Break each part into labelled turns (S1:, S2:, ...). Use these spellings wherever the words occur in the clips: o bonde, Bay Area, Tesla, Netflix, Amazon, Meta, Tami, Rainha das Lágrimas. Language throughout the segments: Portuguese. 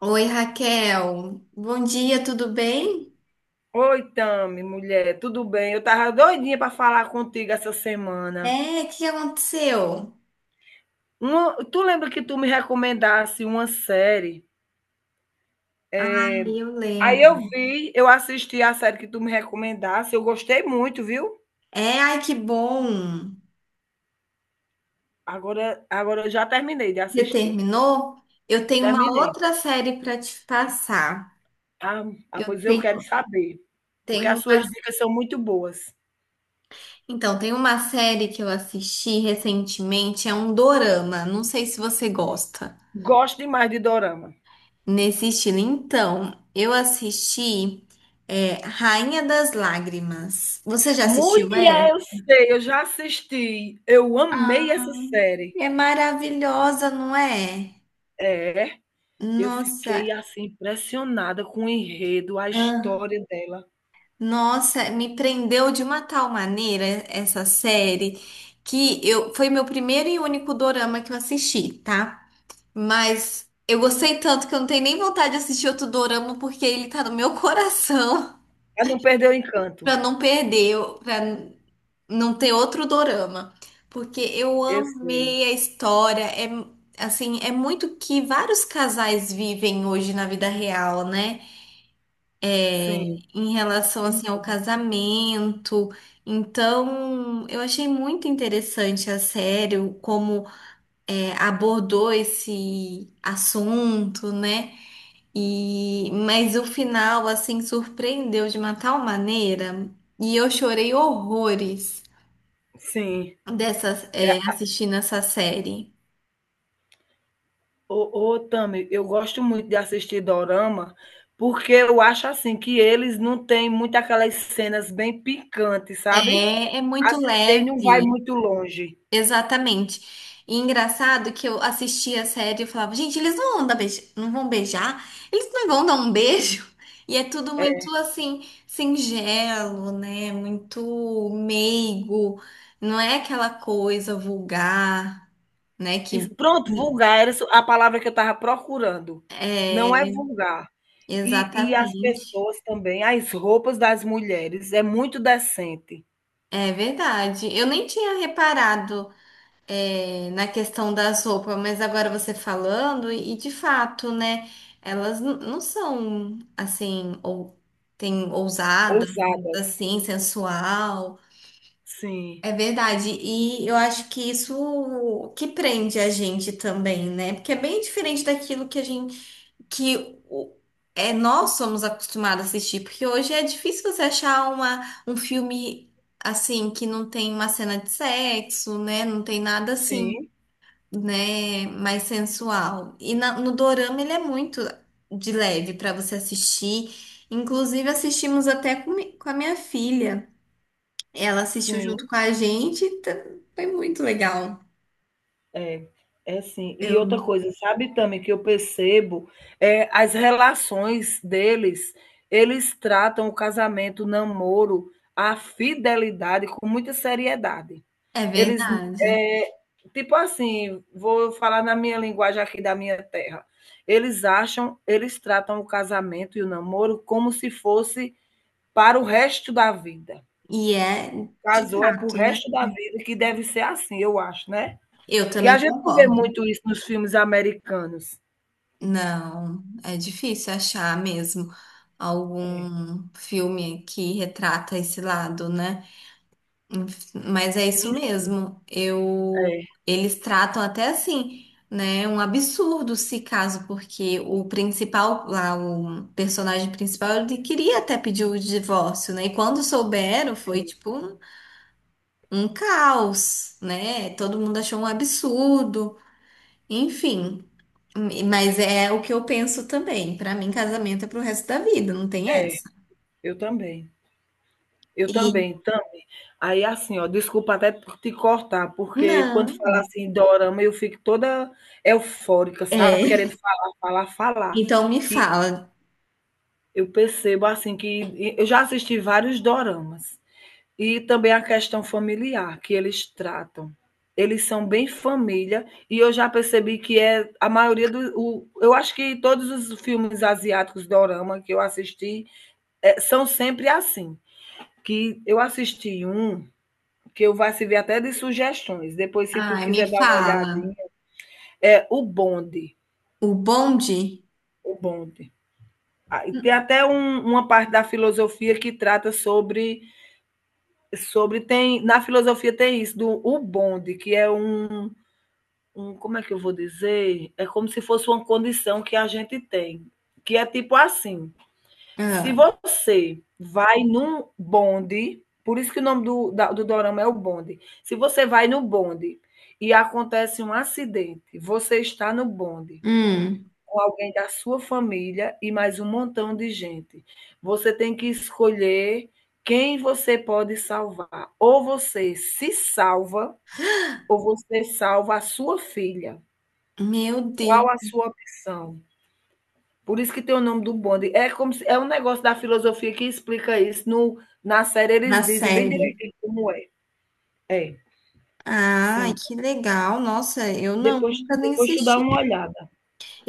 S1: Oi, Raquel. Bom dia, tudo bem?
S2: Oi, Tami, mulher, tudo bem? Eu tava doidinha para falar contigo essa semana.
S1: É, o que aconteceu?
S2: Uma- tu lembra que tu me recomendasse uma série?
S1: Ai, eu
S2: Aí eu
S1: lembro.
S2: vi, eu assisti a série que tu me recomendasse, eu gostei muito, viu?
S1: É, ai, que bom.
S2: Agora eu já terminei de
S1: Você
S2: assistir.
S1: terminou? Eu tenho uma
S2: Terminei.
S1: outra série para te passar.
S2: Ah,
S1: Eu
S2: Pois eu
S1: tenho,
S2: quero saber, porque
S1: tenho
S2: as
S1: uma...
S2: suas dicas são muito boas.
S1: Então, tem uma série que eu assisti recentemente, é um dorama. Não sei se você gosta.
S2: Gosto demais de dorama.
S1: Nesse estilo. Então, eu assisti Rainha das Lágrimas. Você já assistiu essa?
S2: Mulher, eu sei, eu já assisti. Eu amei essa série.
S1: É maravilhosa, não é?
S2: É. Eu
S1: Nossa,
S2: fiquei, assim, impressionada com o enredo, a
S1: ah,
S2: história dela.
S1: nossa, me prendeu de uma tal maneira essa série que eu foi meu primeiro e único dorama que eu assisti, tá? Mas eu gostei tanto que eu não tenho nem vontade de assistir outro dorama porque ele tá no meu coração.
S2: Ela não perdeu o encanto.
S1: Pra não perder, pra não ter outro dorama, porque eu
S2: Eu sei.
S1: amei a história, é assim, é muito que vários casais vivem hoje na vida real, né?
S2: Sim,
S1: Em relação
S2: sim,
S1: assim ao
S2: sim.
S1: casamento. Então, eu achei muito interessante a série como abordou esse assunto, né? E mas o final assim surpreendeu de uma tal maneira e eu chorei horrores
S2: Sim. É,
S1: assistindo essa série.
S2: ô ô Tami, eu gosto muito de assistir dorama, porque eu acho, assim, que eles não têm muito aquelas cenas bem picantes, sabe.
S1: É, é muito
S2: As que tem não vai
S1: leve.
S2: muito longe.
S1: Exatamente. E engraçado que eu assistia a série e eu falava, gente, eles não vão dar não vão beijar, eles não vão dar um beijo. E é tudo muito assim, singelo, né? Muito meigo, não é aquela coisa vulgar, né? Que
S2: Isso, pronto, vulgar era a palavra que eu estava procurando. Não é
S1: é
S2: vulgar. E as
S1: exatamente.
S2: pessoas também, as roupas das mulheres é muito decente,
S1: É verdade. Eu nem tinha reparado. É, na questão das roupas, mas agora você falando, e de fato, né? Elas não são assim, ou tem ousadas,
S2: ousadas.
S1: assim, sensual.
S2: Sim,
S1: É verdade, e eu acho que isso que prende a gente também, né? Porque é bem diferente daquilo que a gente, que o- é, nós somos acostumados a assistir, porque hoje é difícil você achar uma, um filme assim que não tem uma cena de sexo, né? Não tem nada assim
S2: sim,
S1: né, mais sensual. E no dorama ele é muito de leve para você assistir. Inclusive assistimos até com, com a minha filha. Ela assistiu junto
S2: sim.
S1: com a gente, foi muito legal.
S2: É, é sim. E outra
S1: Eu,
S2: coisa, sabe também que eu percebo é as relações deles, eles tratam o casamento, o namoro, a fidelidade com muita seriedade.
S1: é
S2: Eles,
S1: verdade.
S2: eh, tipo assim, vou falar na minha linguagem aqui da minha terra. Eles acham, eles tratam o casamento e o namoro como se fosse para o resto da vida.
S1: E é de
S2: Casou é para o
S1: fato, né?
S2: resto da vida que deve ser assim, eu acho, né?
S1: Eu
S2: Que a
S1: também
S2: gente não vê
S1: concordo.
S2: muito isso nos filmes americanos.
S1: Não, é difícil achar mesmo
S2: É.
S1: algum filme que retrata esse lado, né? Mas é isso
S2: Sim, sim.
S1: mesmo. Eu,
S2: É,
S1: eles tratam até assim, né? Um absurdo se caso, porque o principal, lá, o personagem principal, ele queria até pedir o divórcio, né? E quando souberam, foi
S2: sim,
S1: tipo um, um caos, né? Todo mundo achou um absurdo, enfim. Mas é o que eu penso também. Para mim, casamento é pro resto da vida, não tem
S2: é.
S1: essa.
S2: Eu também. Eu
S1: E
S2: também, também. Aí, assim, ó, desculpa até por te cortar, porque quando
S1: não,
S2: fala assim, dorama, eu fico toda eufórica, sabe?
S1: é.
S2: Querendo falar, falar, falar.
S1: Então me
S2: E
S1: fala.
S2: eu percebo, assim, que eu já assisti vários doramas. E também a questão familiar que eles tratam. Eles são bem família e eu já percebi que é a maioria do o, eu acho que todos os filmes asiáticos dorama que eu assisti são sempre assim. Que eu assisti um que eu vai servir até de sugestões. Depois, se tu
S1: Ai, me
S2: quiser dar uma olhadinha,
S1: fala.
S2: é o bonde,
S1: O bonde?
S2: o bonde. Ah, e tem até um- uma parte da filosofia que trata sobre tem na filosofia tem isso do o bonde, que é um, como é que eu vou dizer? É como se fosse uma condição que a gente tem, que é tipo assim: se
S1: Ah,
S2: você vai num bonde, por isso que o nome do, da- do dorama é o bonde, se você vai no bonde e acontece um acidente, você está no bonde
S1: hum,
S2: com alguém da sua família e mais um montão de gente. Você tem que escolher quem você pode salvar. Ou você se salva, ou você salva a sua filha.
S1: meu Deus,
S2: Qual a sua opção? Por isso que tem o nome do bonde. É como se, é um negócio da filosofia que explica isso. No, na série
S1: na
S2: eles dizem bem
S1: série.
S2: direitinho como é. É,
S1: Ai,
S2: sim.
S1: que legal. Nossa, eu não,
S2: Depois,
S1: nunca nem
S2: depois tu dá
S1: assisti.
S2: uma olhada.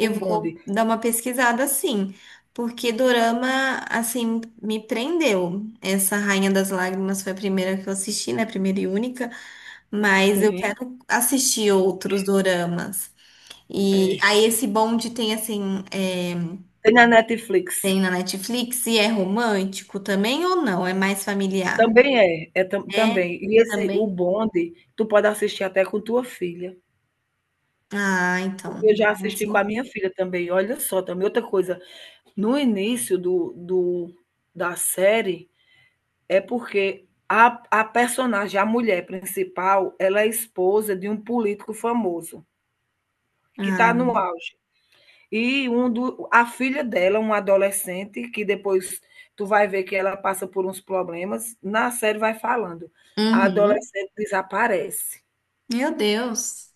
S2: O
S1: vou
S2: bonde.
S1: dar uma pesquisada sim, porque dorama, assim, me prendeu. Essa Rainha das Lágrimas foi a primeira que eu assisti, né? Primeira e única, mas eu
S2: Sim,
S1: quero assistir outros doramas. E
S2: é.
S1: aí esse bonde tem, assim, é,
S2: Tem na Netflix.
S1: tem na Netflix e é romântico também ou não? É mais familiar?
S2: Também é, é tam-
S1: É,
S2: também. E esse, o
S1: também.
S2: bonde, tu pode assistir até com tua filha.
S1: Ah,
S2: Porque
S1: então.
S2: eu já
S1: Ah,
S2: assisti com a
S1: sim.
S2: minha filha também. Olha só, também outra coisa. No início da série, é porque a personagem, a mulher principal, ela é esposa de um político famoso, que está
S1: Ah.
S2: no auge. E um do, a filha dela, uma adolescente, que depois tu vai ver que ela passa por uns problemas, na série vai falando. A
S1: Uhum.
S2: adolescente desaparece.
S1: Meu Deus.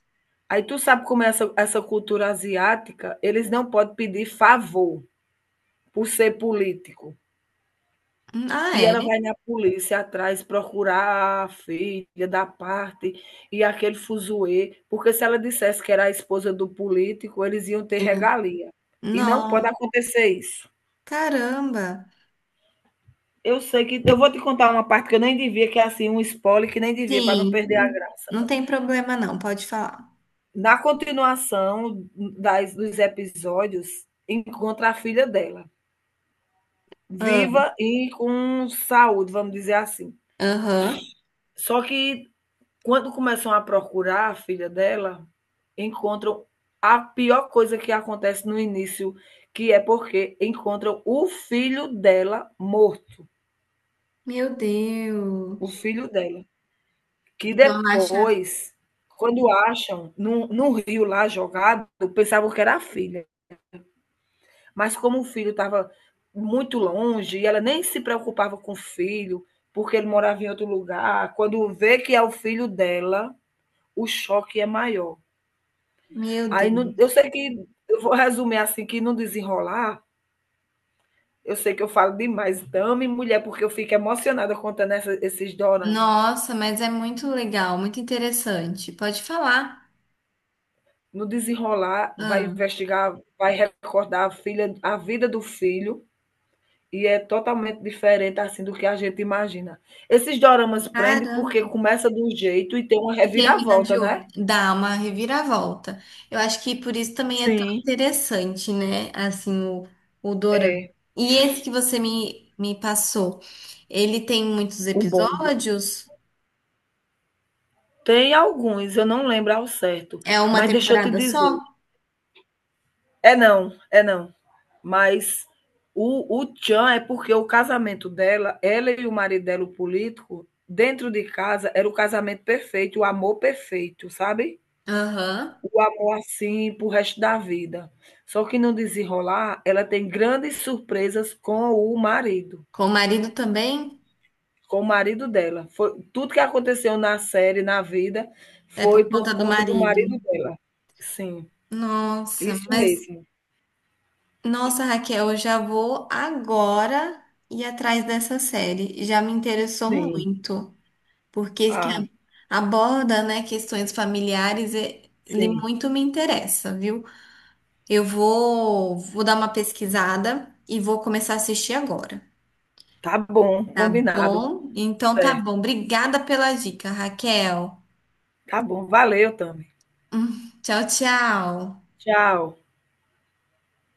S2: Aí tu sabe como é essa, essa cultura asiática, eles não podem pedir favor por ser político.
S1: Ah,
S2: E
S1: é?
S2: ela vai na polícia atrás procurar a filha da parte e aquele fuzuê, porque se ela dissesse que era a esposa do político, eles iam ter
S1: Hum,
S2: regalia. E não pode
S1: Não.
S2: acontecer isso.
S1: Caramba.
S2: Eu sei que eu vou te contar uma parte que eu nem devia, que é assim um spoiler que nem devia para não
S1: Sim,
S2: perder a graça.
S1: não tem problema não, pode falar.
S2: Na continuação das dos episódios, encontra a filha dela,
S1: Ah,
S2: viva e com saúde, vamos dizer assim.
S1: aham.
S2: Só que quando começam a procurar a filha dela, encontram a pior coisa que acontece no início, que é porque encontram o filho dela morto,
S1: Meu
S2: o
S1: Deus.
S2: filho dela, que
S1: Então, acha...
S2: depois, quando acham num rio lá jogado, pensavam que era a filha, mas como o filho estava muito longe e ela nem se preocupava com o filho, porque ele morava em outro lugar, quando vê que é o filho dela, o choque é maior.
S1: Meu
S2: Aí no eu
S1: Deus.
S2: sei que eu vou resumir, assim, que no desenrolar, eu sei que eu falo demais, dama e mulher, porque eu fico emocionada contando essa esses doramas.
S1: Nossa, mas é muito legal, muito interessante. Pode falar.
S2: No desenrolar, vai
S1: Ah,
S2: investigar, vai recordar a filha a vida do filho, e é totalmente diferente, assim, do que a gente imagina. Esses doramas prende,
S1: caramba.
S2: porque começa de um jeito e tem uma
S1: E termina
S2: reviravolta,
S1: de
S2: né?
S1: outro, dá uma reviravolta. Eu acho que por isso também é tão
S2: Sim,
S1: interessante, né? Assim, o dorama. E esse que você me, me passou, ele tem muitos
S2: o bonde.
S1: episódios?
S2: Tem alguns, eu não lembro ao certo,
S1: É uma
S2: mas deixa eu te
S1: temporada só?
S2: dizer é não, é não. Mas o tchan é porque o casamento dela, ela e o marido dela, o político, dentro de casa, era o casamento perfeito, o amor perfeito, sabe?
S1: Aham.
S2: O amor assim pro resto da vida. Só que no desenrolar, ela tem grandes surpresas
S1: Com o marido também?
S2: com o marido dela. Foi, tudo que aconteceu na série, na vida,
S1: É por
S2: foi
S1: conta
S2: por
S1: do
S2: conta do
S1: marido.
S2: marido dela. Sim,
S1: Nossa,
S2: isso
S1: mas
S2: mesmo.
S1: nossa, Raquel, eu já vou agora ir atrás dessa série. Já me interessou
S2: Sim,
S1: muito. Porque que
S2: ah,
S1: aborda, né, questões familiares, e- ele
S2: sim.
S1: muito me interessa, viu? Eu vou, vou dar uma pesquisada e vou começar a assistir agora,
S2: Tá bom,
S1: tá
S2: combinado.
S1: bom? Então tá
S2: Certo.
S1: bom. Obrigada pela dica, Raquel.
S2: Tá bom, valeu, Tami.
S1: Tchau, tchau.
S2: Tchau.